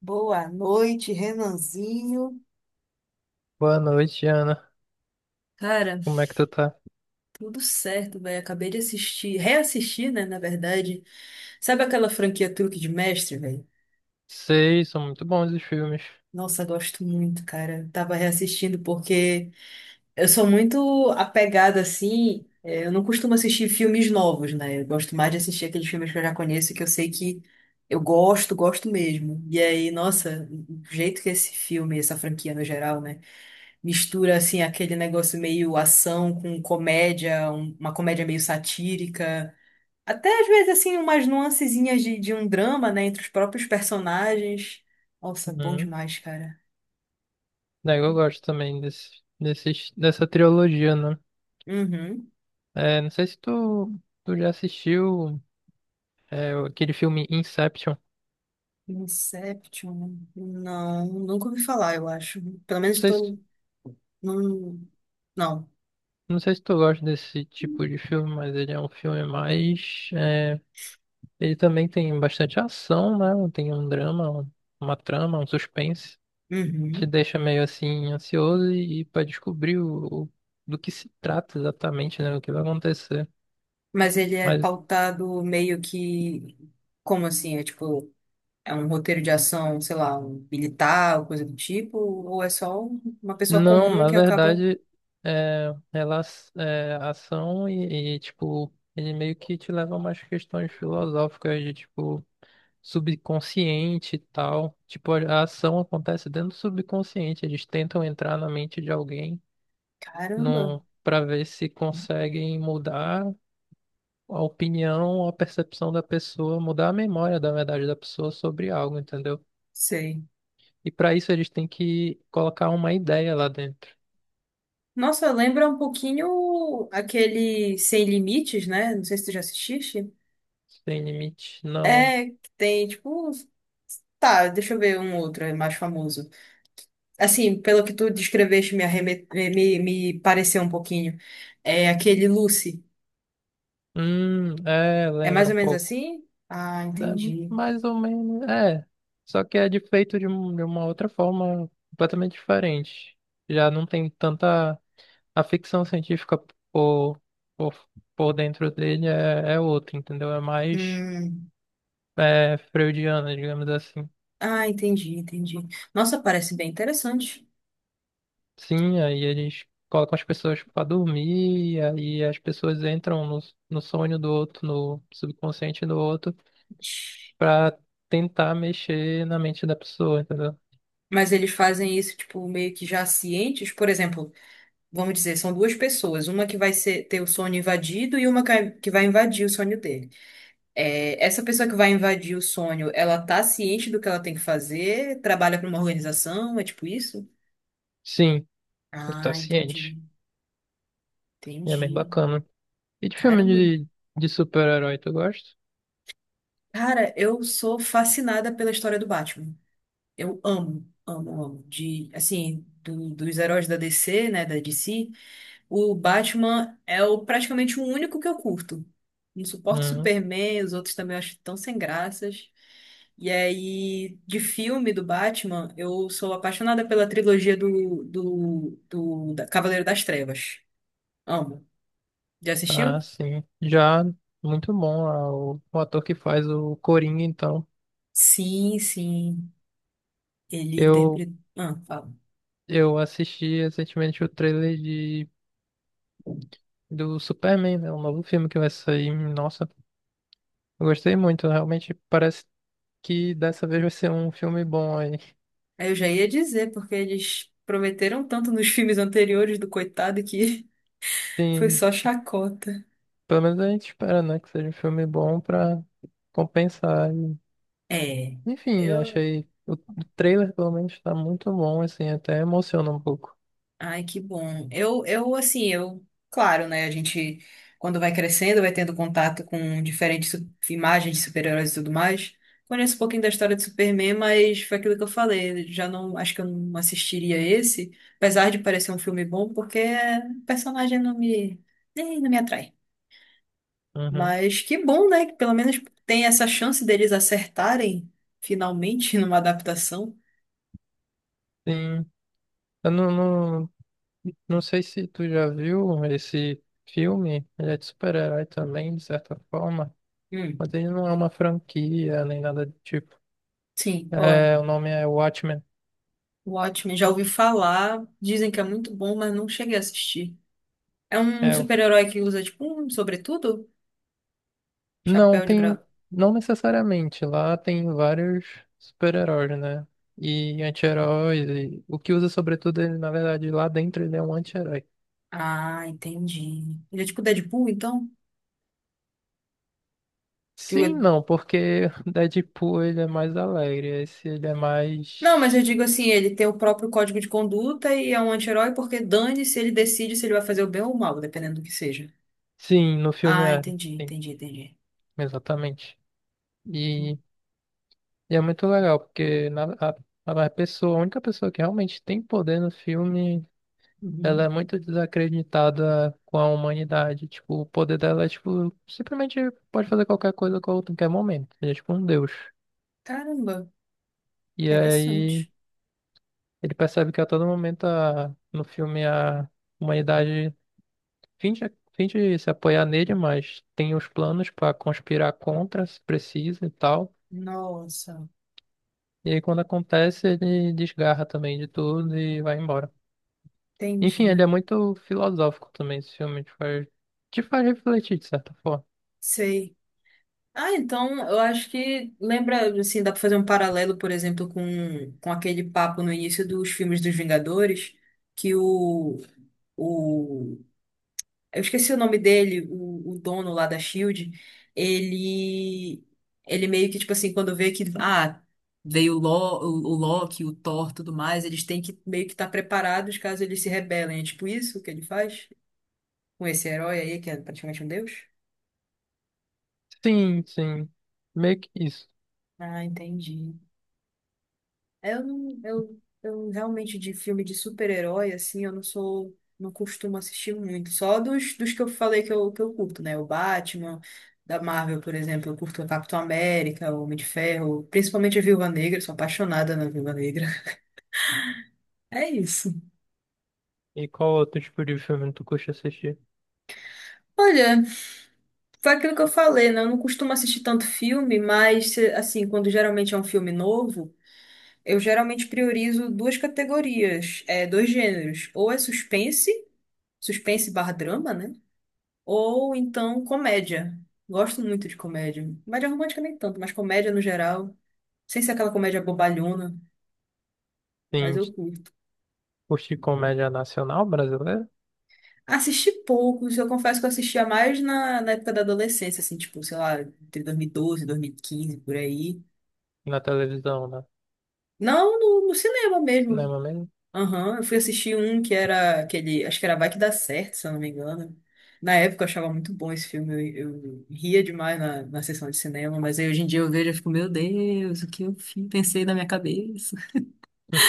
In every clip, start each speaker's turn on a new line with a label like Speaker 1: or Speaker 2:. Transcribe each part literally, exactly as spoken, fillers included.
Speaker 1: Boa noite, Renanzinho.
Speaker 2: Boa noite, Ana.
Speaker 1: Cara,
Speaker 2: Como é que tu tá?
Speaker 1: tudo certo, velho. Acabei de assistir, reassistir, né, na verdade. Sabe aquela franquia Truque de Mestre, velho?
Speaker 2: Sei, são muito bons os filmes.
Speaker 1: Nossa, gosto muito, cara. Tava reassistindo porque eu sou muito apegada, assim. é, Eu não costumo assistir filmes novos, né? Eu gosto mais de assistir aqueles filmes que eu já conheço, que eu sei que eu gosto, gosto mesmo. E aí, nossa, o jeito que esse filme, essa franquia no geral, né, mistura assim aquele negócio meio ação com comédia, um- uma comédia meio satírica, até às vezes assim umas nuancezinhas de, de um drama, né, entre os próprios personagens. Nossa, bom
Speaker 2: Uhum.
Speaker 1: demais, cara.
Speaker 2: Daí eu gosto também desse, desses, dessa trilogia, né?
Speaker 1: Uhum.
Speaker 2: É, não sei se tu, Tu já assistiu é, aquele filme Inception. Não
Speaker 1: Inception? Né? Não, nunca ouvi falar, eu acho. Pelo menos
Speaker 2: sei se,
Speaker 1: tô não, não.
Speaker 2: não sei se tu gosta desse tipo de filme, mas ele é um filme mais... é, Ele também tem bastante ação, né? Tem um drama, um- uma trama, um suspense. Te
Speaker 1: Uhum.
Speaker 2: deixa meio assim ansioso e, e para descobrir o, o- do que se trata exatamente, né? O que vai acontecer.
Speaker 1: Mas ele é
Speaker 2: Mas
Speaker 1: pautado meio que como assim? É tipo, é um roteiro de ação, sei lá, um militar, ou coisa do tipo, ou é só uma pessoa
Speaker 2: não,
Speaker 1: comum
Speaker 2: na
Speaker 1: que acaba.
Speaker 2: verdade, é, elas, é, ação e, e, tipo, ele meio que te leva a umas questões filosóficas de, tipo, subconsciente e tal. Tipo, a a ação acontece dentro do subconsciente. Eles tentam entrar na mente de alguém
Speaker 1: Caramba,
Speaker 2: num, para ver se conseguem mudar a opinião, a percepção da pessoa, mudar a memória, da verdade, da pessoa sobre algo, entendeu?
Speaker 1: sei.
Speaker 2: E para isso eles têm que colocar uma ideia lá dentro.
Speaker 1: Nossa, lembra um pouquinho aquele Sem Limites, né? Não sei se tu já assististe.
Speaker 2: Sem limite, não.
Speaker 1: É, que tem, tipo, tá, deixa eu ver um outro, é mais famoso. Assim, pelo que tu descreveste, me, arreme... me, me pareceu um pouquinho. É aquele Lucy.
Speaker 2: Hum, é,
Speaker 1: É mais
Speaker 2: lembra um
Speaker 1: ou menos
Speaker 2: pouco.
Speaker 1: assim? Ah,
Speaker 2: É,
Speaker 1: entendi.
Speaker 2: mais ou menos, é. Só que é de feito de, um- de uma outra forma completamente diferente. Já não tem tanta. A ficção científica por, por, por dentro dele é, é outra, entendeu? É mais
Speaker 1: Hum.
Speaker 2: é, freudiana, digamos assim.
Speaker 1: Ah, entendi, entendi. Nossa, parece bem interessante.
Speaker 2: Sim, aí eles colocam as pessoas pra dormir, e aí as pessoas entram no, no sonho do outro, no subconsciente do outro, pra tentar mexer na mente da pessoa, entendeu?
Speaker 1: Mas eles fazem isso, tipo, meio que já cientes. Por exemplo, vamos dizer, são duas pessoas. Uma que vai ser- ter o sonho invadido e uma que que vai invadir o sonho dele. É, essa pessoa que vai invadir o sonho, ela tá ciente do que ela tem que fazer? Trabalha para uma organização? É tipo isso?
Speaker 2: Sim, ele tá
Speaker 1: Ah,
Speaker 2: ciente.
Speaker 1: entendi.
Speaker 2: Ele é bem
Speaker 1: Entendi.
Speaker 2: bacana. E de filme
Speaker 1: Caramba.
Speaker 2: de, de super-herói, tu gosta?
Speaker 1: Cara, eu sou fascinada pela história do Batman. Eu amo, amo, amo. De, assim, do- dos heróis da D C, né, da D C. O Batman é o, praticamente o único que eu curto. Não suporto
Speaker 2: Hum,
Speaker 1: Superman, os outros também eu acho tão sem graças. E aí, de filme do Batman, eu sou apaixonada pela trilogia do, do, do da Cavaleiro das Trevas. Amo. Já
Speaker 2: ah,
Speaker 1: assistiu?
Speaker 2: sim. Já muito bom, ah, o, o ator que faz o Coringa, então.
Speaker 1: Sim, sim. Ele
Speaker 2: Eu,
Speaker 1: interpretou. Ah, fala.
Speaker 2: eu assisti recentemente o trailer de, do Superman, né? O novo filme que vai sair. Nossa, eu gostei muito. Realmente parece que dessa vez vai ser um filme bom aí.
Speaker 1: Aí eu já ia dizer, porque eles prometeram tanto nos filmes anteriores do coitado que foi
Speaker 2: Sim,
Speaker 1: só chacota.
Speaker 2: pelo menos a gente espera, né? Que seja um filme bom pra compensar.
Speaker 1: É.
Speaker 2: Enfim,
Speaker 1: Eu
Speaker 2: achei. O o trailer, pelo menos, tá muito bom, assim, até emociona um pouco.
Speaker 1: ai, que bom. Eu, eu, assim, eu, claro, né? A gente, quando vai crescendo, vai tendo contato com diferentes su- imagens de super-heróis e tudo mais. Conheço um pouquinho da história de Superman, mas foi aquilo que eu falei. Já não, acho que eu não assistiria esse, apesar de parecer um filme bom, porque o personagem não me, nem, não me atrai.
Speaker 2: Uhum.
Speaker 1: Mas que bom, né? Que pelo menos tem essa chance deles acertarem finalmente numa adaptação.
Speaker 2: Sim. Eu não, não, Não sei se tu já viu esse filme. Ele é de super-herói também, de certa forma.
Speaker 1: Hum,
Speaker 2: Mas ele não é uma franquia, nem nada do tipo.
Speaker 1: sim, qual é?
Speaker 2: É, o nome é Watchmen.
Speaker 1: O Watchmen, já ouvi falar, dizem que é muito bom, mas não cheguei a assistir. É um
Speaker 2: É, o-
Speaker 1: super-herói que usa, tipo, um sobretudo?
Speaker 2: não,
Speaker 1: Chapéu de
Speaker 2: tem.
Speaker 1: gra...
Speaker 2: Não necessariamente. Lá tem vários super-heróis, né? E anti-heróis. E... O que usa, sobretudo, ele, na verdade, lá dentro ele é um anti-herói.
Speaker 1: Ah, entendi. Ele é tipo Deadpool, então? Que o-
Speaker 2: Sim, não, porque Deadpool ele é mais alegre, esse ele é
Speaker 1: não, mas eu
Speaker 2: mais.
Speaker 1: digo assim, ele tem o próprio código de conduta e é um anti-herói porque dane-se, ele decide se ele vai fazer o bem ou o mal, dependendo do que seja.
Speaker 2: Sim, no filme
Speaker 1: Ah,
Speaker 2: é,
Speaker 1: entendi,
Speaker 2: sim,
Speaker 1: entendi, entendi.
Speaker 2: exatamente. E, e é muito legal, porque na, a, a pessoa, a única pessoa que realmente tem poder no filme, ela é
Speaker 1: Uhum.
Speaker 2: muito desacreditada com a humanidade. Tipo, o poder dela é tipo, simplesmente pode fazer qualquer coisa a qualquer momento. Ele é tipo um deus.
Speaker 1: Caramba,
Speaker 2: E aí
Speaker 1: interessante.
Speaker 2: ele percebe que a todo momento a, no filme a humanidade. Finge, Finge se apoiar nele, mas tem os planos para conspirar contra, se precisa e tal.
Speaker 1: Nossa,
Speaker 2: E aí, quando acontece, ele desgarra também de tudo e vai embora. Enfim, ele é
Speaker 1: entendi.
Speaker 2: muito filosófico também, esse filme. Te faz, te faz refletir, de certa forma.
Speaker 1: Sei. Ah, então eu acho que lembra, assim, dá pra fazer um paralelo, por exemplo, com, com aquele papo no início dos filmes dos Vingadores, que o, o eu esqueci o nome dele, o, o dono lá da Shield, ele ele meio que tipo assim, quando vê que ah, veio o, Lo, o, o Loki, o Thor, tudo mais, eles têm que meio que estar preparados caso eles se rebelem. É tipo isso que ele faz com esse herói aí que é praticamente um deus?
Speaker 2: Sim, sim. Meio que isso.
Speaker 1: Ah, entendi. É, eu não, eu, eu realmente de filme de super-herói, assim, eu não sou, não costumo assistir muito. Só dos, dos que eu falei que eu, que eu curto, né? O Batman, da Marvel, por exemplo, eu curto o Capitão América, o Homem de Ferro, principalmente a Viúva Negra, sou apaixonada na Viúva Negra. É isso.
Speaker 2: E qual outro tipo de filme tu curte assistir?
Speaker 1: Olha, foi aquilo que eu falei, né? Eu não costumo assistir tanto filme, mas, assim, quando geralmente é um filme novo, eu geralmente priorizo duas categorias, é, dois gêneros. Ou é suspense, suspense barra drama, né? Ou então comédia. Gosto muito de comédia. Comédia romântica nem tanto, mas comédia no geral. Sem ser aquela comédia bobalhona, mas
Speaker 2: Sim,
Speaker 1: eu curto.
Speaker 2: curte comédia nacional brasileira?
Speaker 1: Assisti poucos, eu confesso que eu assistia mais na, na época da adolescência, assim, tipo, sei lá, entre dois mil e doze e dois mil e quinze, por aí.
Speaker 2: Na televisão, né?
Speaker 1: Não no, no cinema mesmo.
Speaker 2: Cinema mesmo?
Speaker 1: Aham, eu fui assistir um que era aquele. Acho que era Vai Que Dá Certo, se eu não me engano. Na época eu achava muito bom esse filme, eu, eu ria demais na, na sessão de cinema, mas aí hoje em dia eu vejo e fico, meu Deus, o que eu fi- pensei na minha cabeça?
Speaker 2: Hum.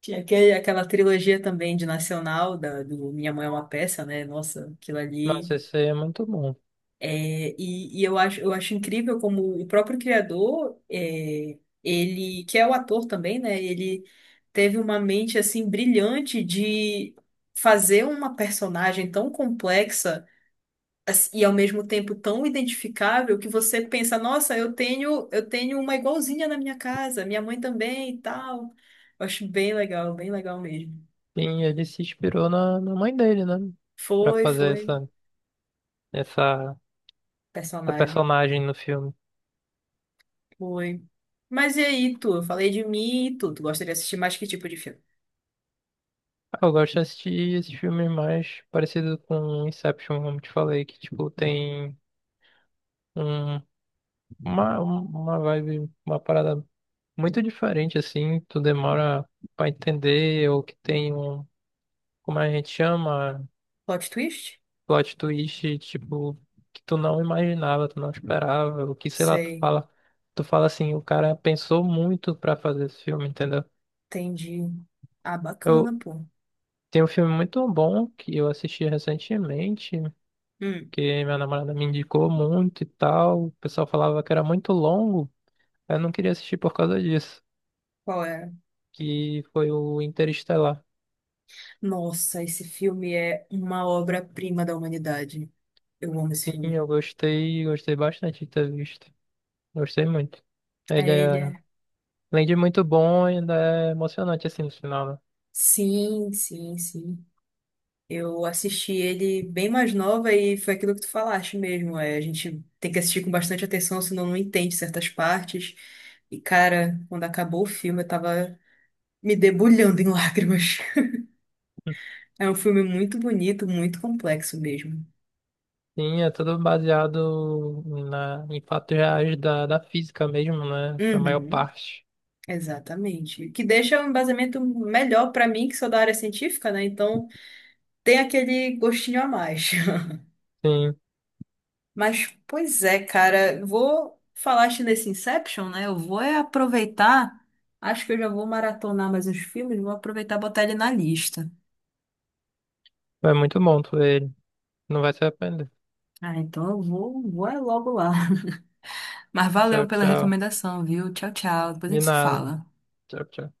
Speaker 1: Tinha aquele, aquela trilogia também de Nacional, da, do Minha Mãe é uma Peça, né? Nossa, aquilo ali.
Speaker 2: Nossa, esse aí é muito bom.
Speaker 1: É, e, e eu acho, eu acho incrível como o próprio criador, é, ele, que é o ator também, né? Ele teve uma mente assim brilhante de fazer uma personagem tão complexa ass- e ao mesmo tempo tão identificável que você pensa, nossa, eu tenho, eu tenho uma igualzinha na minha casa, minha mãe também e tal. Eu acho bem legal, bem legal mesmo.
Speaker 2: Sim, ele se inspirou na, na mãe dele, né? Pra
Speaker 1: Foi,
Speaker 2: fazer
Speaker 1: foi
Speaker 2: essa, essa, essa
Speaker 1: personagem.
Speaker 2: personagem no filme.
Speaker 1: Foi. Mas e aí, tu? Eu falei de mim e tu. Tu gostaria de assistir mais que tipo de filme?
Speaker 2: Ah, eu gosto de assistir esses filmes mais parecidos com Inception, como te falei, que tipo tem um, uma, uma vibe, uma parada muito diferente, assim, tu demora pra entender, ou que tem um, como a gente chama?
Speaker 1: Plot twist?
Speaker 2: Plot twist, tipo, que tu não imaginava, tu não esperava, o que, sei lá, tu
Speaker 1: Sei.
Speaker 2: fala, tu fala assim, o cara pensou muito pra fazer esse filme, entendeu?
Speaker 1: Entendi. Ah,
Speaker 2: Eu
Speaker 1: bacana, pô.
Speaker 2: Tem um filme muito bom que eu assisti recentemente,
Speaker 1: Hum,
Speaker 2: que minha namorada me indicou muito e tal, o pessoal falava que era muito longo, eu não queria assistir por causa disso,
Speaker 1: qual é?
Speaker 2: que foi o Interestelar.
Speaker 1: Nossa, esse filme é uma obra-prima da humanidade. Eu amo esse
Speaker 2: Sim,
Speaker 1: filme.
Speaker 2: eu gostei, gostei bastante de ter visto. Gostei muito. Ele
Speaker 1: É ele,
Speaker 2: é,
Speaker 1: é.
Speaker 2: além de muito bom, ainda é emocionante assim no final, né?
Speaker 1: Sim, sim, sim. Eu assisti ele bem mais nova e foi aquilo que tu falaste mesmo. É, a gente tem que assistir com bastante atenção, senão não entende certas partes. E, cara, quando acabou o filme, eu tava me debulhando em lágrimas. É um filme muito bonito, muito complexo mesmo.
Speaker 2: Sim, é tudo baseado na, em fatos reais da, da física mesmo, né? Na maior
Speaker 1: Uhum,
Speaker 2: parte.
Speaker 1: exatamente. Que deixa um embasamento melhor para mim, que sou da área científica, né? Então tem aquele gostinho a mais.
Speaker 2: Sim,
Speaker 1: Mas, pois é, cara, vou falaste nesse Inception, né? Eu vou é aproveitar. Acho que eu já vou maratonar mais os filmes, vou aproveitar e botar ele na lista.
Speaker 2: é muito bom tu ver ele. Não vai se arrepender.
Speaker 1: Ah, então eu vou, vou é logo lá. Mas
Speaker 2: Tchau,
Speaker 1: valeu pela
Speaker 2: tchau.
Speaker 1: recomendação, viu? Tchau, tchau. Depois a
Speaker 2: De
Speaker 1: gente se
Speaker 2: nada.
Speaker 1: fala.
Speaker 2: Tchau, tchau.